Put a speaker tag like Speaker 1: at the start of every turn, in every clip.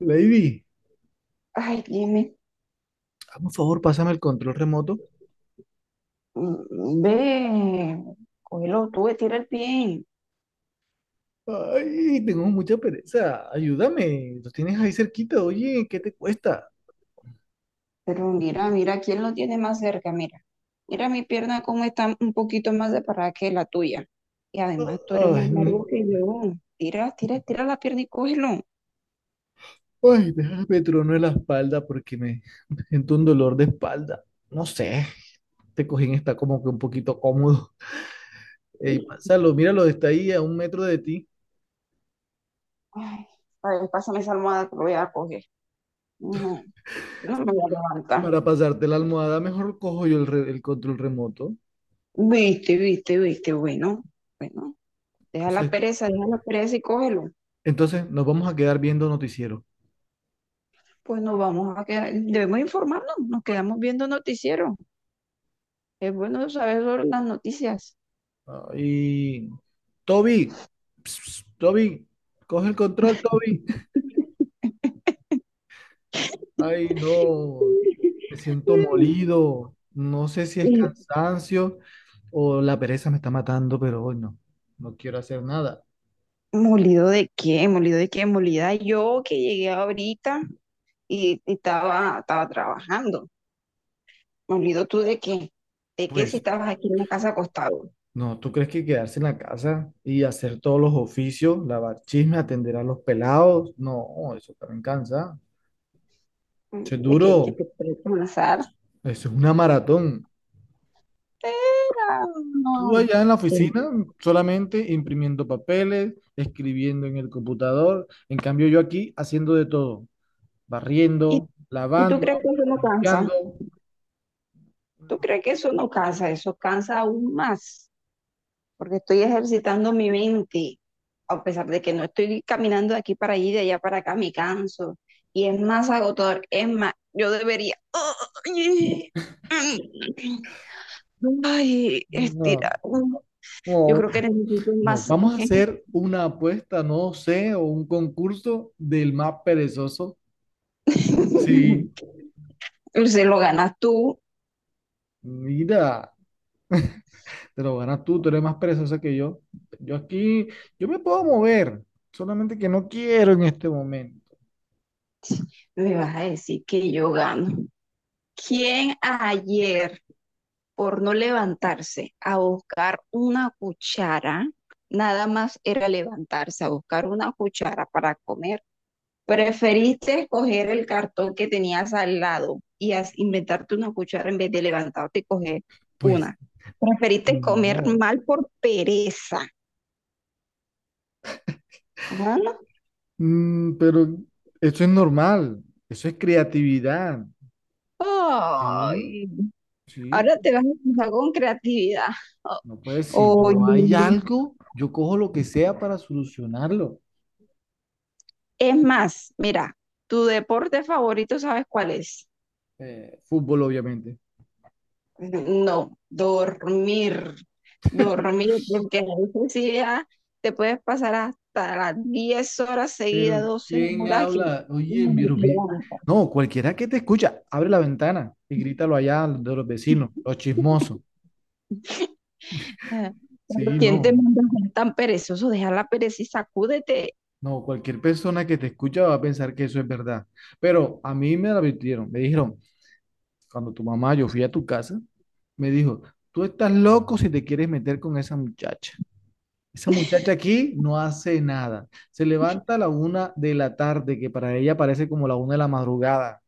Speaker 1: Lady,
Speaker 2: Ay, Jimmy,
Speaker 1: hazme un favor, pásame el control remoto.
Speaker 2: ve, cógelo tú, tira el pie.
Speaker 1: Ay, tengo mucha pereza. Ayúdame. Lo tienes ahí cerquita. Oye, ¿qué te cuesta?
Speaker 2: Pero mira, ¿quién lo tiene más cerca? Mira, mira mi pierna cómo está un poquito más separada que la tuya. Y además tú eres
Speaker 1: Ay,
Speaker 2: más largo que yo. Tira la pierna y cógelo.
Speaker 1: ay, déjame trono en la espalda porque me siento un dolor de espalda. No sé, este cojín está como que un poquito cómodo. Ey, pásalo, míralo, está ahí a 1 metro de ti.
Speaker 2: Ay, a ver, pásame esa almohada que lo voy a coger. No, no me voy a levantar.
Speaker 1: Para pasarte la almohada, mejor cojo yo el control remoto.
Speaker 2: Viste, viste, viste, bueno, bueno,
Speaker 1: O sea,
Speaker 2: deja la pereza y cógelo.
Speaker 1: entonces nos vamos a quedar viendo noticiero.
Speaker 2: Pues nos vamos a quedar, debemos informarnos, nos quedamos viendo noticiero. Es bueno saber sobre las noticias.
Speaker 1: Y Toby, Ps, ps, Toby, coge el control, Toby. Ay, no, me siento molido. No sé si es
Speaker 2: Y,
Speaker 1: cansancio o la pereza me está matando, pero hoy no, no quiero hacer nada.
Speaker 2: ¿molido de qué? ¿Molido de qué? Molida yo que llegué ahorita y estaba trabajando. ¿Molido tú de qué? ¿De qué si
Speaker 1: Pues,
Speaker 2: estabas aquí en la casa acostado?
Speaker 1: no, ¿tú crees que quedarse en la casa y hacer todos los oficios, lavar chisme, atender a los pelados? No, eso también cansa.
Speaker 2: Mm,
Speaker 1: Eso es
Speaker 2: ¿de qué? ¿Que
Speaker 1: duro,
Speaker 2: te presta una sartera?
Speaker 1: eso es una maratón. Tú
Speaker 2: No.
Speaker 1: allá en la
Speaker 2: ¿Qué?
Speaker 1: oficina solamente imprimiendo papeles, escribiendo en el computador. En cambio, yo aquí haciendo de todo,
Speaker 2: ¿Y,
Speaker 1: barriendo,
Speaker 2: y tú
Speaker 1: lavando,
Speaker 2: crees que eso no cansa?
Speaker 1: limpiando.
Speaker 2: ¿Tú crees que eso no cansa? Eso cansa aún más, porque estoy ejercitando mi mente. A pesar de que no estoy caminando de aquí para allí, de allá para acá, me canso y es más agotador. Es más, yo debería
Speaker 1: No,
Speaker 2: estirar. Yo
Speaker 1: no,
Speaker 2: creo que necesito
Speaker 1: no.
Speaker 2: más.
Speaker 1: Vamos a hacer una apuesta, no sé, o un concurso del más perezoso. Sí,
Speaker 2: Se lo ganas tú,
Speaker 1: mira, te lo ganas tú, tú eres más perezosa que yo. Yo aquí, yo me puedo mover, solamente que no quiero en este momento.
Speaker 2: me vas a decir que yo gano. ¿Quién ayer, por no levantarse a buscar una cuchara, nada más era levantarse a buscar una cuchara para comer, preferiste escoger el cartón que tenías al lado y inventarte una cuchara en vez de levantarte y coger
Speaker 1: Pues
Speaker 2: una? Preferiste comer
Speaker 1: no.
Speaker 2: mal por pereza. Ah,
Speaker 1: Pero eso es normal, eso es creatividad, ¿sí?
Speaker 2: ay,
Speaker 1: Sí,
Speaker 2: ahora te vas a empezar con creatividad.
Speaker 1: no puede, si no hay
Speaker 2: Oye,
Speaker 1: algo, yo cojo lo que sea para solucionarlo.
Speaker 2: es más, mira, tu deporte favorito, ¿sabes cuál es?
Speaker 1: Fútbol, obviamente.
Speaker 2: No, dormir, dormir, porque la necesidad te puedes pasar hasta las 10 horas seguidas,
Speaker 1: ¿Pero
Speaker 2: 12
Speaker 1: quién
Speaker 2: horas que
Speaker 1: habla?
Speaker 2: ni te levantas.
Speaker 1: No, cualquiera que te escucha, abre la ventana y grítalo allá de los vecinos, los chismosos.
Speaker 2: Ah, pero
Speaker 1: Sí,
Speaker 2: ¿quién te
Speaker 1: no,
Speaker 2: manda a ser tan perezoso? Deja la pereza y sacúdete.
Speaker 1: no, cualquier persona que te escucha va a pensar que eso es verdad. Pero a mí me lo advirtieron, me dijeron. Cuando tu mamá, yo fui a tu casa, me dijo, tú estás loco si te quieres meter con esa muchacha. Esa muchacha aquí no hace nada. Se levanta a la una de la tarde, que para ella parece como la una de la madrugada.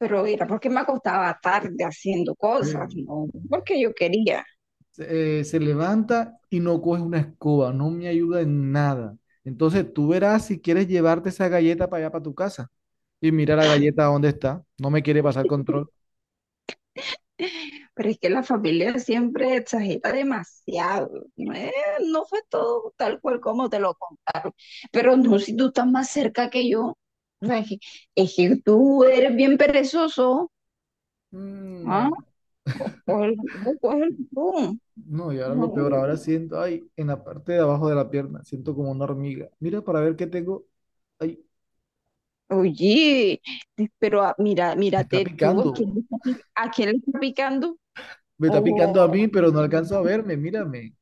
Speaker 2: Pero era porque me acostaba tarde haciendo cosas,
Speaker 1: Eh,
Speaker 2: no porque yo quería.
Speaker 1: se levanta y no coge una escoba, no me ayuda en nada. Entonces tú verás si quieres llevarte esa galleta para allá, para tu casa. Y mira la galleta dónde está. No me quiere pasar control.
Speaker 2: Pero es que la familia siempre exagera demasiado. No, no fue todo tal cual como te lo... Pero no, si tú estás más cerca que yo. O sea, es que tú eres bien perezoso. ¿Ah?
Speaker 1: No.
Speaker 2: Cógelo tú, cógelo tú.
Speaker 1: No, y ahora lo peor, ahora siento, ay, en la parte de abajo de la pierna, siento como una hormiga. Mira para ver qué tengo. Ay,
Speaker 2: Oye, pero mira,
Speaker 1: me está
Speaker 2: mírate tú, ¿a quién le
Speaker 1: picando.
Speaker 2: está, a quién le está picando?
Speaker 1: Me está picando a
Speaker 2: Oh,
Speaker 1: mí, pero no alcanzo a verme, mírame.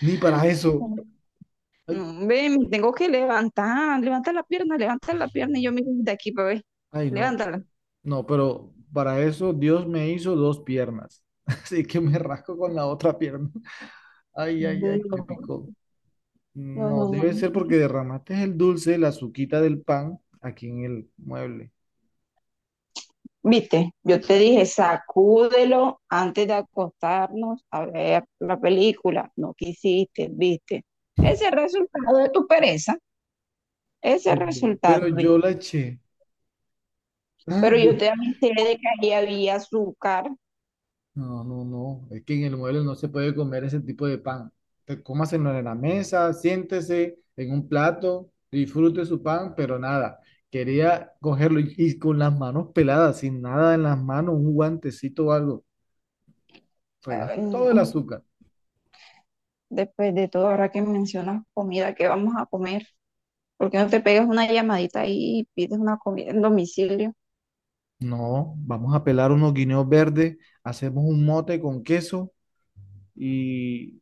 Speaker 1: Ni para eso. Ay,
Speaker 2: no, ve, me tengo que levantar, levanta la pierna y yo miro de aquí para ver,
Speaker 1: ay, no.
Speaker 2: levántala.
Speaker 1: No, pero para eso Dios me hizo dos piernas. Así que me rasco con la otra pierna. Ay, ay,
Speaker 2: No,
Speaker 1: ay, me
Speaker 2: no,
Speaker 1: picó.
Speaker 2: no,
Speaker 1: No,
Speaker 2: no.
Speaker 1: debe ser porque derramaste el dulce, la azuquita del pan, aquí en el mueble.
Speaker 2: Viste, yo te dije, sacúdelo antes de acostarnos a ver la película. No quisiste, viste. Ese es el resultado de tu pereza, ese es el resultado,
Speaker 1: Pero
Speaker 2: viste.
Speaker 1: yo la eché.
Speaker 2: Pero yo te avisé de que ahí había azúcar.
Speaker 1: No, no, no. Es que en el mueble no se puede comer ese tipo de pan. Te- cómaselo en la mesa, siéntese en un plato, disfrute su pan, pero nada. Quería cogerlo y con las manos peladas, sin nada en las manos, un guantecito o algo.
Speaker 2: Ay,
Speaker 1: Fregaste
Speaker 2: no.
Speaker 1: todo el azúcar.
Speaker 2: Después de todo, ahora que mencionas comida, ¿qué vamos a comer? ¿Por qué no te pegas una llamadita ahí y pides una comida en domicilio?
Speaker 1: No, vamos a pelar unos guineos verdes, hacemos un mote con queso y,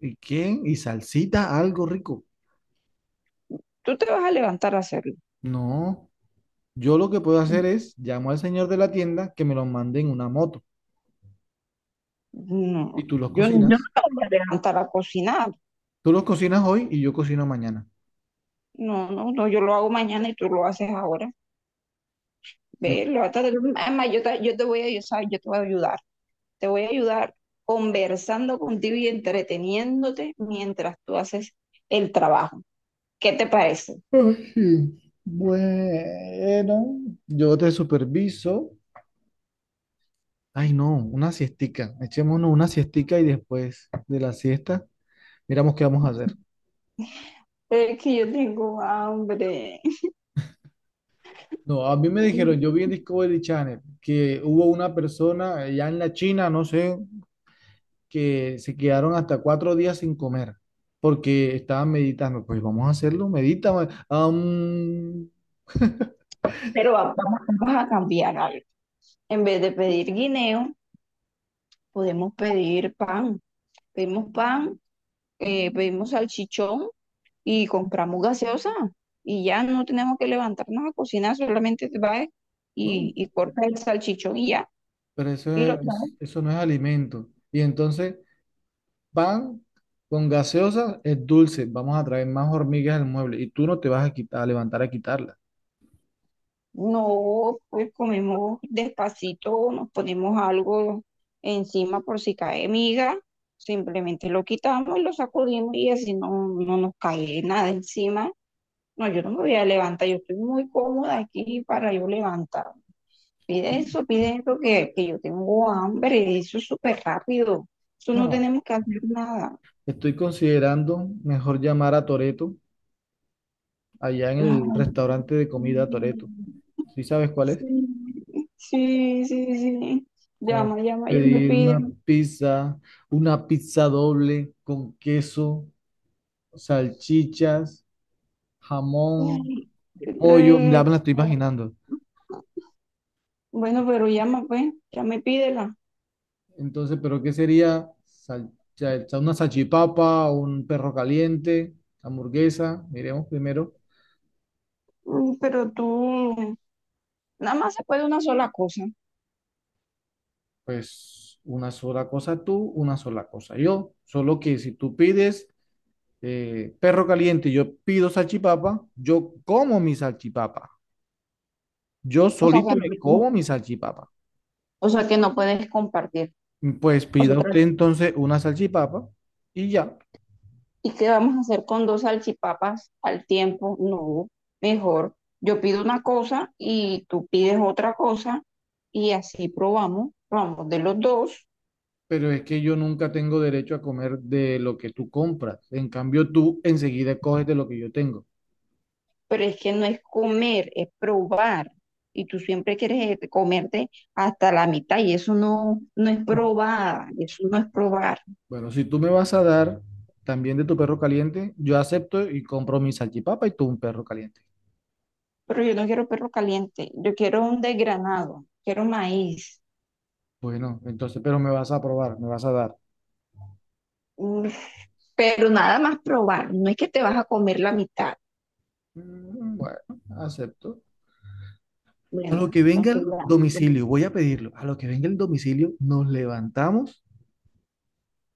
Speaker 1: ¿y qué? Y salsita, algo rico.
Speaker 2: Tú te vas a levantar a hacerlo.
Speaker 1: No, yo lo que puedo hacer es llamo al señor de la tienda que me lo mande en una moto.
Speaker 2: No,
Speaker 1: Y tú los
Speaker 2: yo no me
Speaker 1: cocinas.
Speaker 2: voy a levantar a cocinar.
Speaker 1: Tú los cocinas hoy y yo cocino mañana.
Speaker 2: No, no, no, yo lo hago mañana y tú lo haces ahora. Ve,
Speaker 1: ¿Viste?
Speaker 2: levántate tú. Además, yo te voy a ayudar, yo te voy a ayudar. Te voy a ayudar conversando contigo y entreteniéndote mientras tú haces el trabajo. ¿Qué te parece?
Speaker 1: Ay, bueno, yo te superviso. Ay, no, una siestica. Echémonos una siestica y después de la siesta miramos qué vamos a hacer.
Speaker 2: Es que yo tengo hambre.
Speaker 1: No, a mí me dijeron, yo vi en Discovery Channel que hubo una persona allá en la China, no sé, que se quedaron hasta 4 días sin comer porque estaban meditando. Pues vamos a hacerlo, medita. Ma- am.
Speaker 2: Pero vamos, vamos a cambiar algo. En vez de pedir guineo, podemos pedir pan. Pedimos pan, pedimos salchichón y compramos gaseosa y ya no tenemos que levantarnos a cocinar, solamente va
Speaker 1: ¿No?
Speaker 2: y corta el salchichón y ya,
Speaker 1: Pero eso
Speaker 2: y lo trae.
Speaker 1: es- eso no es alimento. Y entonces pan con gaseosa es dulce, vamos a traer más hormigas al mueble y tú no te vas a quitar, a levantar a quitarlas.
Speaker 2: No, pues comemos despacito, nos ponemos algo encima por si cae miga, simplemente lo quitamos y lo sacudimos y así no nos cae nada encima. No, yo no me voy a levantar, yo estoy muy cómoda aquí para yo levantar. Pide eso que yo tengo hambre, y eso es súper rápido. Eso no
Speaker 1: No,
Speaker 2: tenemos que hacer nada.
Speaker 1: estoy considerando mejor llamar a Toreto allá en el restaurante de
Speaker 2: Ay,
Speaker 1: comida Toreto. ¿Sí sabes cuál es?
Speaker 2: sí, sí, sí, sí.
Speaker 1: Como
Speaker 2: Llama, llama, llama,
Speaker 1: pedir
Speaker 2: pide.
Speaker 1: una pizza doble con queso, salchichas, jamón,
Speaker 2: Ay, qué
Speaker 1: pollo, ya me la estoy
Speaker 2: rico.
Speaker 1: imaginando.
Speaker 2: Bueno, pero llama, pues, llama y pídela.
Speaker 1: Entonces, ¿pero qué sería? Sal- cha- cha- una salchipapa, un perro caliente, hamburguesa, miremos primero.
Speaker 2: Mm, pero tú, nada más se puede una sola cosa.
Speaker 1: Pues una sola cosa tú, una sola cosa yo. Solo que si tú pides perro caliente, y yo pido salchipapa, yo como mi salchipapa. Yo
Speaker 2: O sea que
Speaker 1: solito me
Speaker 2: no,
Speaker 1: como mi salchipapa.
Speaker 2: o sea que no puedes compartir.
Speaker 1: Pues
Speaker 2: O sea,
Speaker 1: pida usted
Speaker 2: tra-
Speaker 1: entonces una salchipapa y ya.
Speaker 2: ¿y qué vamos a hacer con dos salchipapas al tiempo? No, mejor yo pido una cosa y tú pides otra cosa y así probamos, probamos de los dos,
Speaker 1: Pero es que yo nunca tengo derecho a comer de lo que tú compras. En cambio, tú enseguida coges de lo que yo tengo.
Speaker 2: pero es que no es comer, es probar. Y tú siempre quieres comerte hasta la mitad y eso no, no es probar, eso no es probar.
Speaker 1: Bueno, si tú me vas a dar también de tu perro caliente, yo acepto y compro mi salchipapa y tú un perro caliente.
Speaker 2: Pero yo no quiero perro caliente, yo quiero un desgranado, quiero maíz,
Speaker 1: Bueno, entonces, pero me vas a probar, me vas a dar.
Speaker 2: mm, pero nada más probar, no es que te vas a comer la mitad.
Speaker 1: Bueno, acepto. A lo
Speaker 2: Bueno,
Speaker 1: que venga
Speaker 2: entonces
Speaker 1: el
Speaker 2: ya,
Speaker 1: domicilio, voy a pedirlo. A lo que venga el domicilio, nos levantamos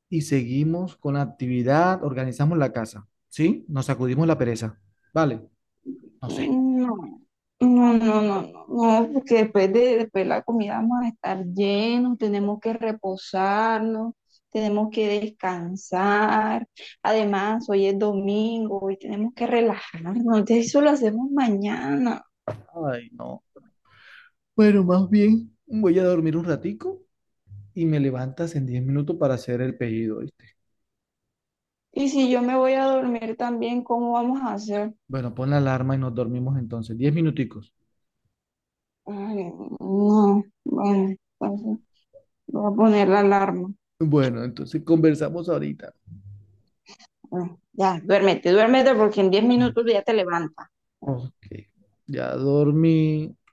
Speaker 1: y seguimos con la actividad, organizamos la casa, ¿sí? Nos sacudimos la pereza. Vale, no sé.
Speaker 2: no, no, no, no, no, no, porque después de la comida vamos a estar llenos, tenemos que reposarnos, tenemos que descansar. Además, hoy es domingo y tenemos que relajarnos. Entonces, eso lo hacemos mañana.
Speaker 1: Ay, no. Bueno, más bien voy a dormir un ratico y me levantas en 10 minutos para hacer el pedido, ¿oíste?
Speaker 2: Y si yo me voy a dormir también, ¿cómo vamos a hacer?
Speaker 1: Bueno, pon la alarma y nos dormimos entonces. Diez minuticos.
Speaker 2: Ay, no, bueno, entonces voy a poner la alarma.
Speaker 1: Bueno, entonces conversamos ahorita.
Speaker 2: Bueno, ya, duérmete, duérmete porque en 10 minutos ya te levantas.
Speaker 1: Ok, ya dormí.